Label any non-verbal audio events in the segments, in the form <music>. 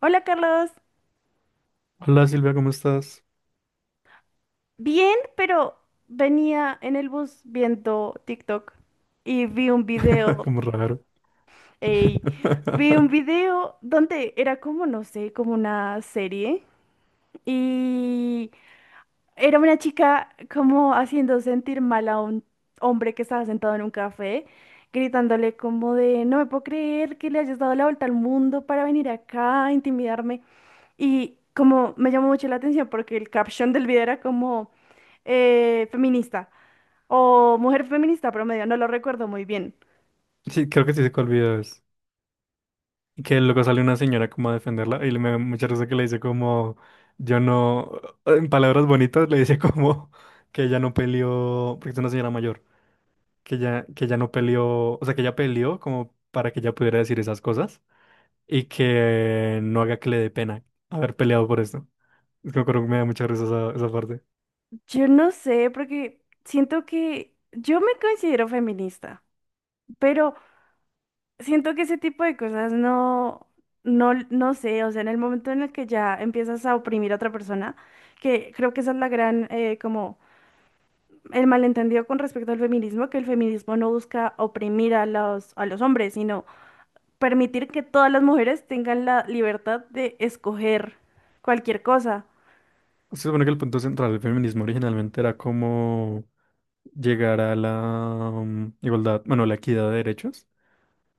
Hola, Carlos. Hola Silvia, ¿cómo estás? Bien, pero venía en el bus viendo TikTok y vi un <laughs> video. Como raro. Ey, vi un <laughs> video donde era como, no sé, como una serie y era una chica como haciendo sentir mal a un hombre que estaba sentado en un café, gritándole como de, no me puedo creer que le hayas dado la vuelta al mundo para venir acá a intimidarme. Y como me llamó mucho la atención porque el caption del video era como feminista o mujer feminista promedio, no lo recuerdo muy bien. Sí, creo que sí se cuál video es. Que luego sale una señora como a defenderla y le me da mucha risa que le dice como, yo no, en palabras bonitas le dice <laughs> como que ella no peleó, porque es una señora mayor, que ella no peleó, o sea, que ella peleó como para que ella pudiera decir esas cosas y que no haga que le dé pena haber peleado por esto. Es que me acuerdo que me da mucha risa esa parte. Yo no sé, porque siento que yo me considero feminista, pero... siento que ese tipo de cosas no sé. O sea, en el momento en el que ya empiezas a oprimir a otra persona, que creo que esa es la gran, como el malentendido con respecto al feminismo, que el feminismo no busca oprimir a los hombres, sino permitir que todas las mujeres tengan la libertad de escoger cualquier cosa. Se supone que el punto central del feminismo originalmente era cómo llegar a la igualdad, bueno, la equidad de derechos,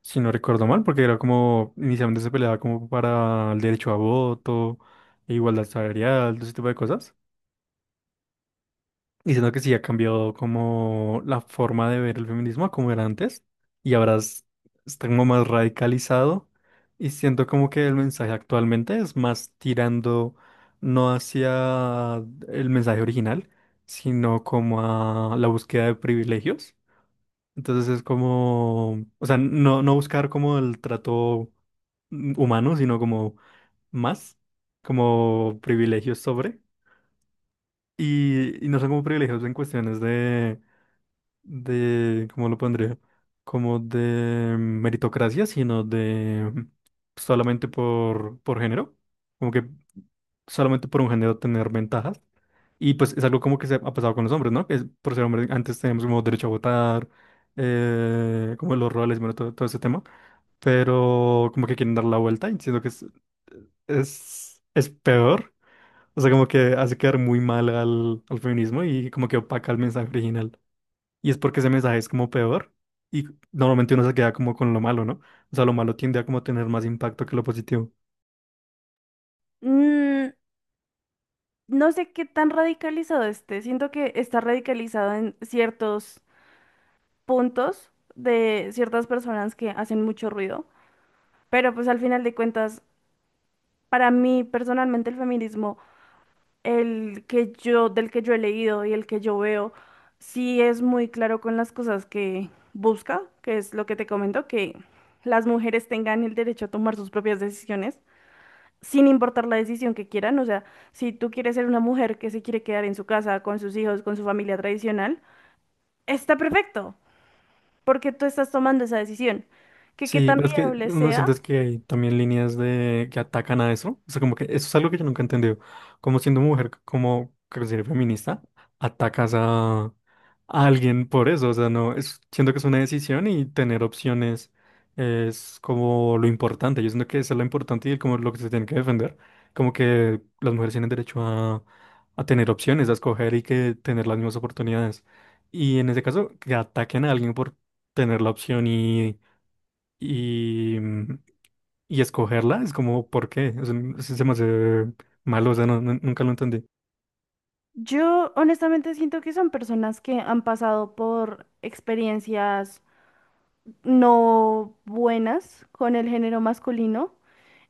si no recuerdo mal, porque era como, inicialmente se peleaba como para el derecho a voto, e igualdad salarial, todo ese tipo de cosas diciendo que sí ha cambiado como la forma de ver el feminismo a como era antes. Y ahora está como más radicalizado. Y siento como que el mensaje actualmente es más tirando no hacia el mensaje original, sino como a la búsqueda de privilegios. Entonces es como, o sea, no, no buscar como el trato humano, sino como más, como privilegios sobre. Y no son como privilegios en cuestiones de ¿cómo lo pondría? Como de meritocracia, sino de solamente por género, como que solamente por un género tener ventajas. Y pues es algo como que se ha pasado con los hombres, ¿no? Que por ser hombres antes teníamos como derecho a votar, como los roles, bueno, todo ese tema. Pero como que quieren dar la vuelta y siento que es peor. O sea, como que hace quedar muy mal al feminismo y como que opaca el mensaje original. Y es porque ese mensaje es como peor y normalmente uno se queda como con lo malo, ¿no? O sea, lo malo tiende a como tener más impacto que lo positivo. Mm, no sé qué tan radicalizado esté, siento que está radicalizado en ciertos puntos de ciertas personas que hacen mucho ruido. Pero pues al final de cuentas, para mí personalmente el feminismo, el que yo, del que yo he leído y el que yo veo, sí es muy claro con las cosas que busca, que es lo que te comento, que las mujeres tengan el derecho a tomar sus propias decisiones, sin importar la decisión que quieran. O sea, si tú quieres ser una mujer que se quiere quedar en su casa, con sus hijos, con su familia tradicional, está perfecto, porque tú estás tomando esa decisión. Que Sí, tan pero es que viable uno sea. siente es que hay también líneas de que atacan a eso. O sea, como que eso es algo que yo nunca he entendido. Como siendo mujer, como que ser feminista, atacas a alguien por eso. O sea, no, es, siento que es una decisión y tener opciones es como lo importante. Yo siento que eso es lo importante y como lo que se tiene que defender. Como que las mujeres tienen derecho a tener opciones, a escoger y que tener las mismas oportunidades. Y en ese caso, que ataquen a alguien por tener la opción y, mm, y escogerla es como, ¿por qué? O sea, se me hace malo, o sea, no, nunca lo entendí. Yo honestamente siento que son personas que han pasado por experiencias no buenas con el género masculino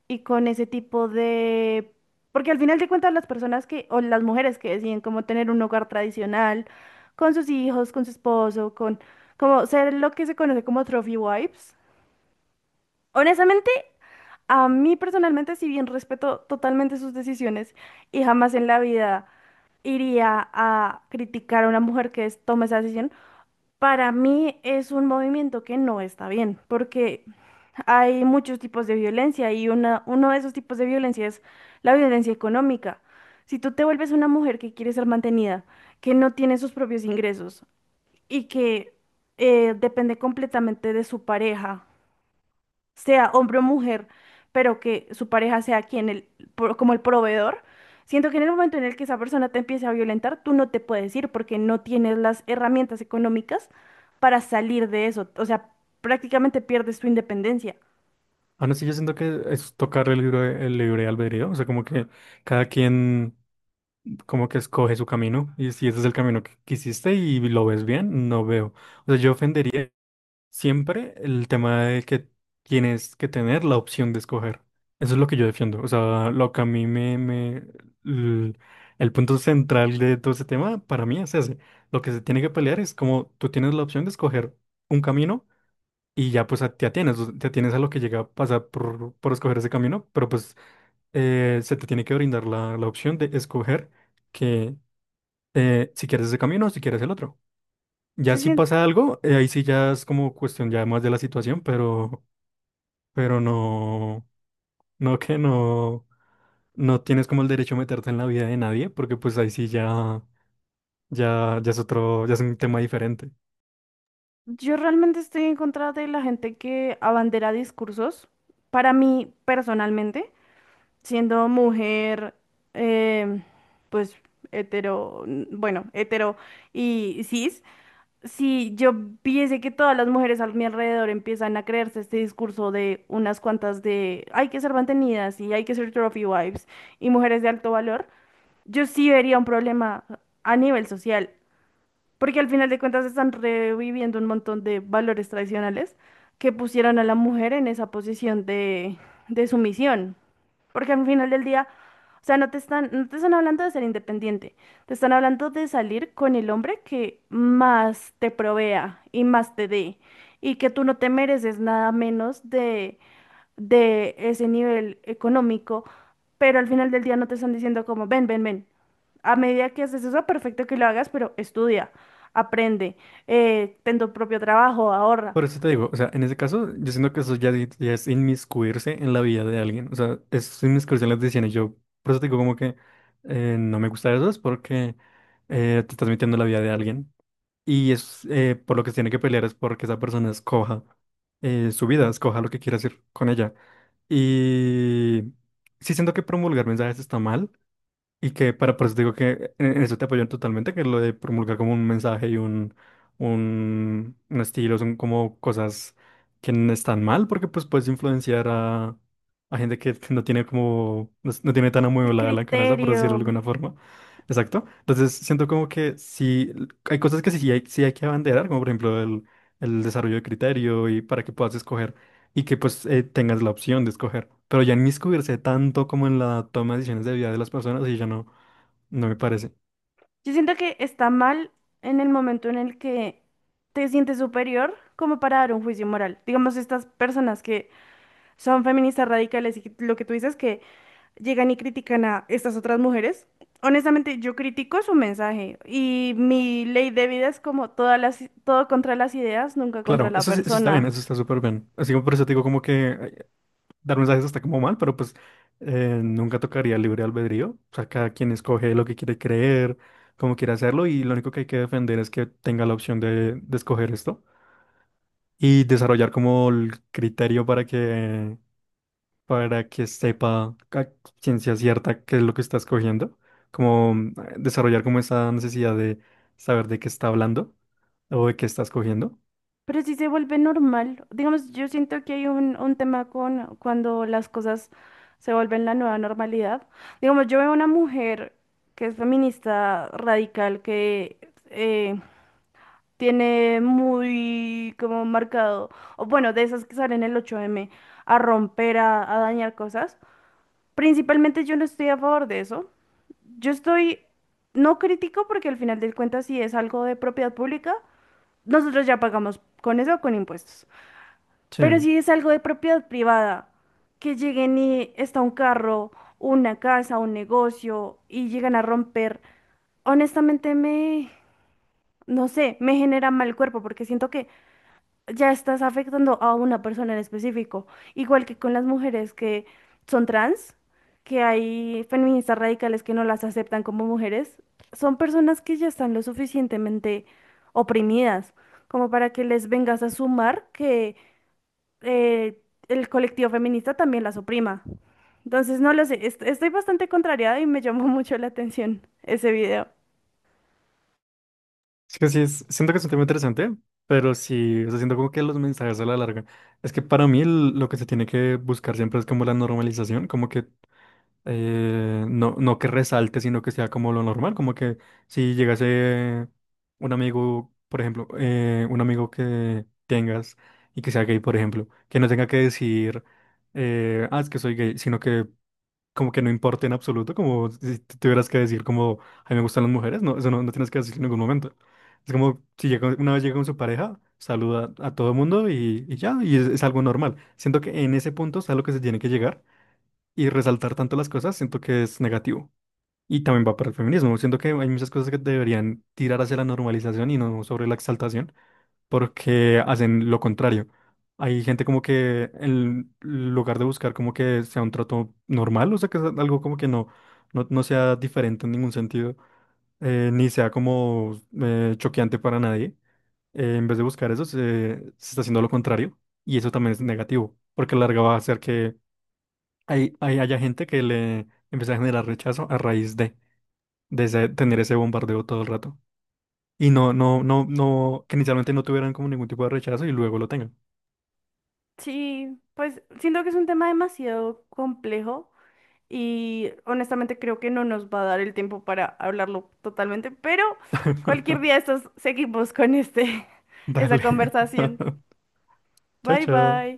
y con ese tipo de... Porque al final de cuentas las personas que, o las mujeres que deciden como tener un hogar tradicional, con sus hijos, con su esposo, con como ser lo que se conoce como trophy wives. Honestamente, a mí personalmente, si bien respeto totalmente sus decisiones y jamás en la vida... iría a criticar a una mujer que tome esa decisión, para mí es un movimiento que no está bien, porque hay muchos tipos de violencia y una, uno de esos tipos de violencia es la violencia económica. Si tú te vuelves una mujer que quiere ser mantenida, que no tiene sus propios ingresos y que depende completamente de su pareja, sea hombre o mujer, pero que su pareja sea quien el, como el proveedor, siento que en el momento en el que esa persona te empiece a violentar, tú no te puedes ir porque no tienes las herramientas económicas para salir de eso. O sea, prácticamente pierdes tu independencia. Aún así, yo siento que es tocar el libre albedrío, o sea, como que cada quien como que escoge su camino y si ese es el camino que quisiste y lo ves bien, no veo. O sea, yo ofendería. Siempre el tema de que tienes que tener la opción de escoger. Eso es lo que yo defiendo. O sea, lo que a mí el, el punto central de todo ese tema para mí es ese. Lo que se tiene que pelear es como tú tienes la opción de escoger un camino y ya pues te atienes, o sea, te atienes a lo que llega a pasar por escoger ese camino, pero pues se te tiene que brindar la opción de escoger que si quieres ese camino o si quieres el otro. Ya Yo si sien- pasa algo, ahí sí ya es como cuestión ya más de la situación, pero no, no que no, no tienes como el derecho a meterte en la vida de nadie, porque pues ahí sí ya, ya es otro, ya es un tema diferente. yo realmente estoy en contra de la gente que abandera discursos. Para mí, personalmente, siendo mujer, em, pues hetero, bueno, hetero y cis, si yo viese que todas las mujeres a mi alrededor empiezan a creerse este discurso de unas cuantas de hay que ser mantenidas y hay que ser trophy wives y mujeres de alto valor, yo sí vería un problema a nivel social, porque al final de cuentas están reviviendo un montón de valores tradicionales que pusieron a la mujer en esa posición de sumisión. Porque al final del día, o sea, no te están, no te están hablando de ser independiente, te están hablando de salir con el hombre que más te provea y más te dé, y que tú no te mereces nada menos de ese nivel económico, pero al final del día no te están diciendo como, ven, ven, ven. A medida que haces eso, perfecto que lo hagas, pero estudia, aprende, ten tu propio trabajo, ahorra. Por eso te digo, o sea, en ese caso, yo siento que eso ya, ya es inmiscuirse en la vida de alguien, o sea, es inmiscuirse en las decisiones. Yo, por eso te digo como que no me gusta eso, es porque te estás metiendo en la vida de alguien. Y es por lo que se tiene que pelear es porque esa persona escoja su vida, escoja lo que quiere hacer con ella. Y sí siento que promulgar mensajes está mal, y que para por eso te digo que en eso te apoyan totalmente, que lo de promulgar como un mensaje y un estilo son como cosas que no están mal, porque pues puedes influenciar a gente que <laughs> no tiene como, no, no tiene tan El amueblada la cabeza, por decirlo de criterio. alguna forma. Exacto. Entonces siento como que sí, hay cosas que sí hay que abanderar, como por ejemplo el desarrollo de criterio y para que puedas escoger y que pues tengas la opción de escoger. Pero ya inmiscuirse tanto como en la toma de decisiones de vida de las personas y ya no, no me parece. Yo siento que está mal en el momento en el que te sientes superior como para dar un juicio moral. Digamos, estas personas que son feministas radicales y lo que tú dices que llegan y critican a estas otras mujeres. Honestamente, yo critico su mensaje y mi ley de vida es como todas las, todo contra las ideas, nunca contra Claro, la eso está bien, persona. eso está súper bien. Así que por eso te digo como que dar mensajes está como mal, pero pues nunca tocaría libre albedrío. O sea, cada quien escoge lo que quiere creer, cómo quiere hacerlo y lo único que hay que defender es que tenga la opción de escoger esto y desarrollar como el criterio para que sepa a ciencia cierta qué es lo que está escogiendo, como desarrollar como esa necesidad de saber de qué está hablando o de qué está escogiendo. Pero si se vuelve normal, digamos, yo siento que hay un tema con cuando las cosas se vuelven la nueva normalidad. Digamos, yo veo una mujer que es feminista radical, que eh, tiene muy como marcado, o bueno, de esas que salen el ocho m a romper, a dañar cosas. Principalmente yo no estoy a favor de eso. Yo estoy, no critico porque al final del cuentas si es algo de propiedad pública, nosotros ya pagamos con eso o con impuestos. Pero Sí, si es algo de propiedad privada, que lleguen y está un carro, una casa, un negocio y llegan a romper, honestamente me, no sé, me genera mal cuerpo porque siento que ya estás afectando a una persona en específico. Igual que con las mujeres que son trans, que hay feministas radicales que no las aceptan como mujeres, son personas que ya están lo suficientemente oprimidas como para que les vengas a sumar que eh, el colectivo feminista también las oprima. Entonces, no lo sé, estoy bastante contrariada y me llamó <laughs> mucho la atención ese video. es que sí, siento que es un tema interesante, pero sí, o sea, siento como que los mensajes a la larga. Es que para mí lo que se tiene que buscar siempre es como la normalización, como que no que resalte, sino que sea como lo normal, como que si llegase un amigo, por ejemplo, un amigo que tengas y que sea gay, por ejemplo, que no tenga que decir, ah, es que soy gay, sino que como que no importe en absoluto, como si te tuvieras que decir como, a mí me gustan las mujeres, no, eso no, no tienes que decir en ningún momento. Es como si llega, una vez llega con su pareja, saluda a todo el mundo y ya, y es algo normal. Siento que en ese punto es a lo que se tiene que llegar y resaltar tanto las cosas, siento que es negativo. Y también va para el feminismo. Siento que hay muchas cosas que deberían tirar hacia la normalización y no sobre la exaltación, porque hacen lo contrario. Hay gente como que en lugar de buscar como que sea un trato normal, o sea, que es algo como que no sea diferente en ningún sentido, ni sea como choqueante para nadie. En vez de buscar eso, se está haciendo lo contrario y eso también es negativo, porque a la larga va a hacer que haya gente que le empieza a generar rechazo a raíz de tener ese bombardeo todo el rato. Y no, que inicialmente no tuvieran como ningún tipo de rechazo y luego lo tengan. Sí, pues siento que es un tema demasiado complejo y honestamente creo que no nos va a dar el tiempo para hablarlo totalmente, pero cualquier día de estos seguimos con este, <laughs> esa Dale. conversación. <laughs> Chao, Bye chao. bye.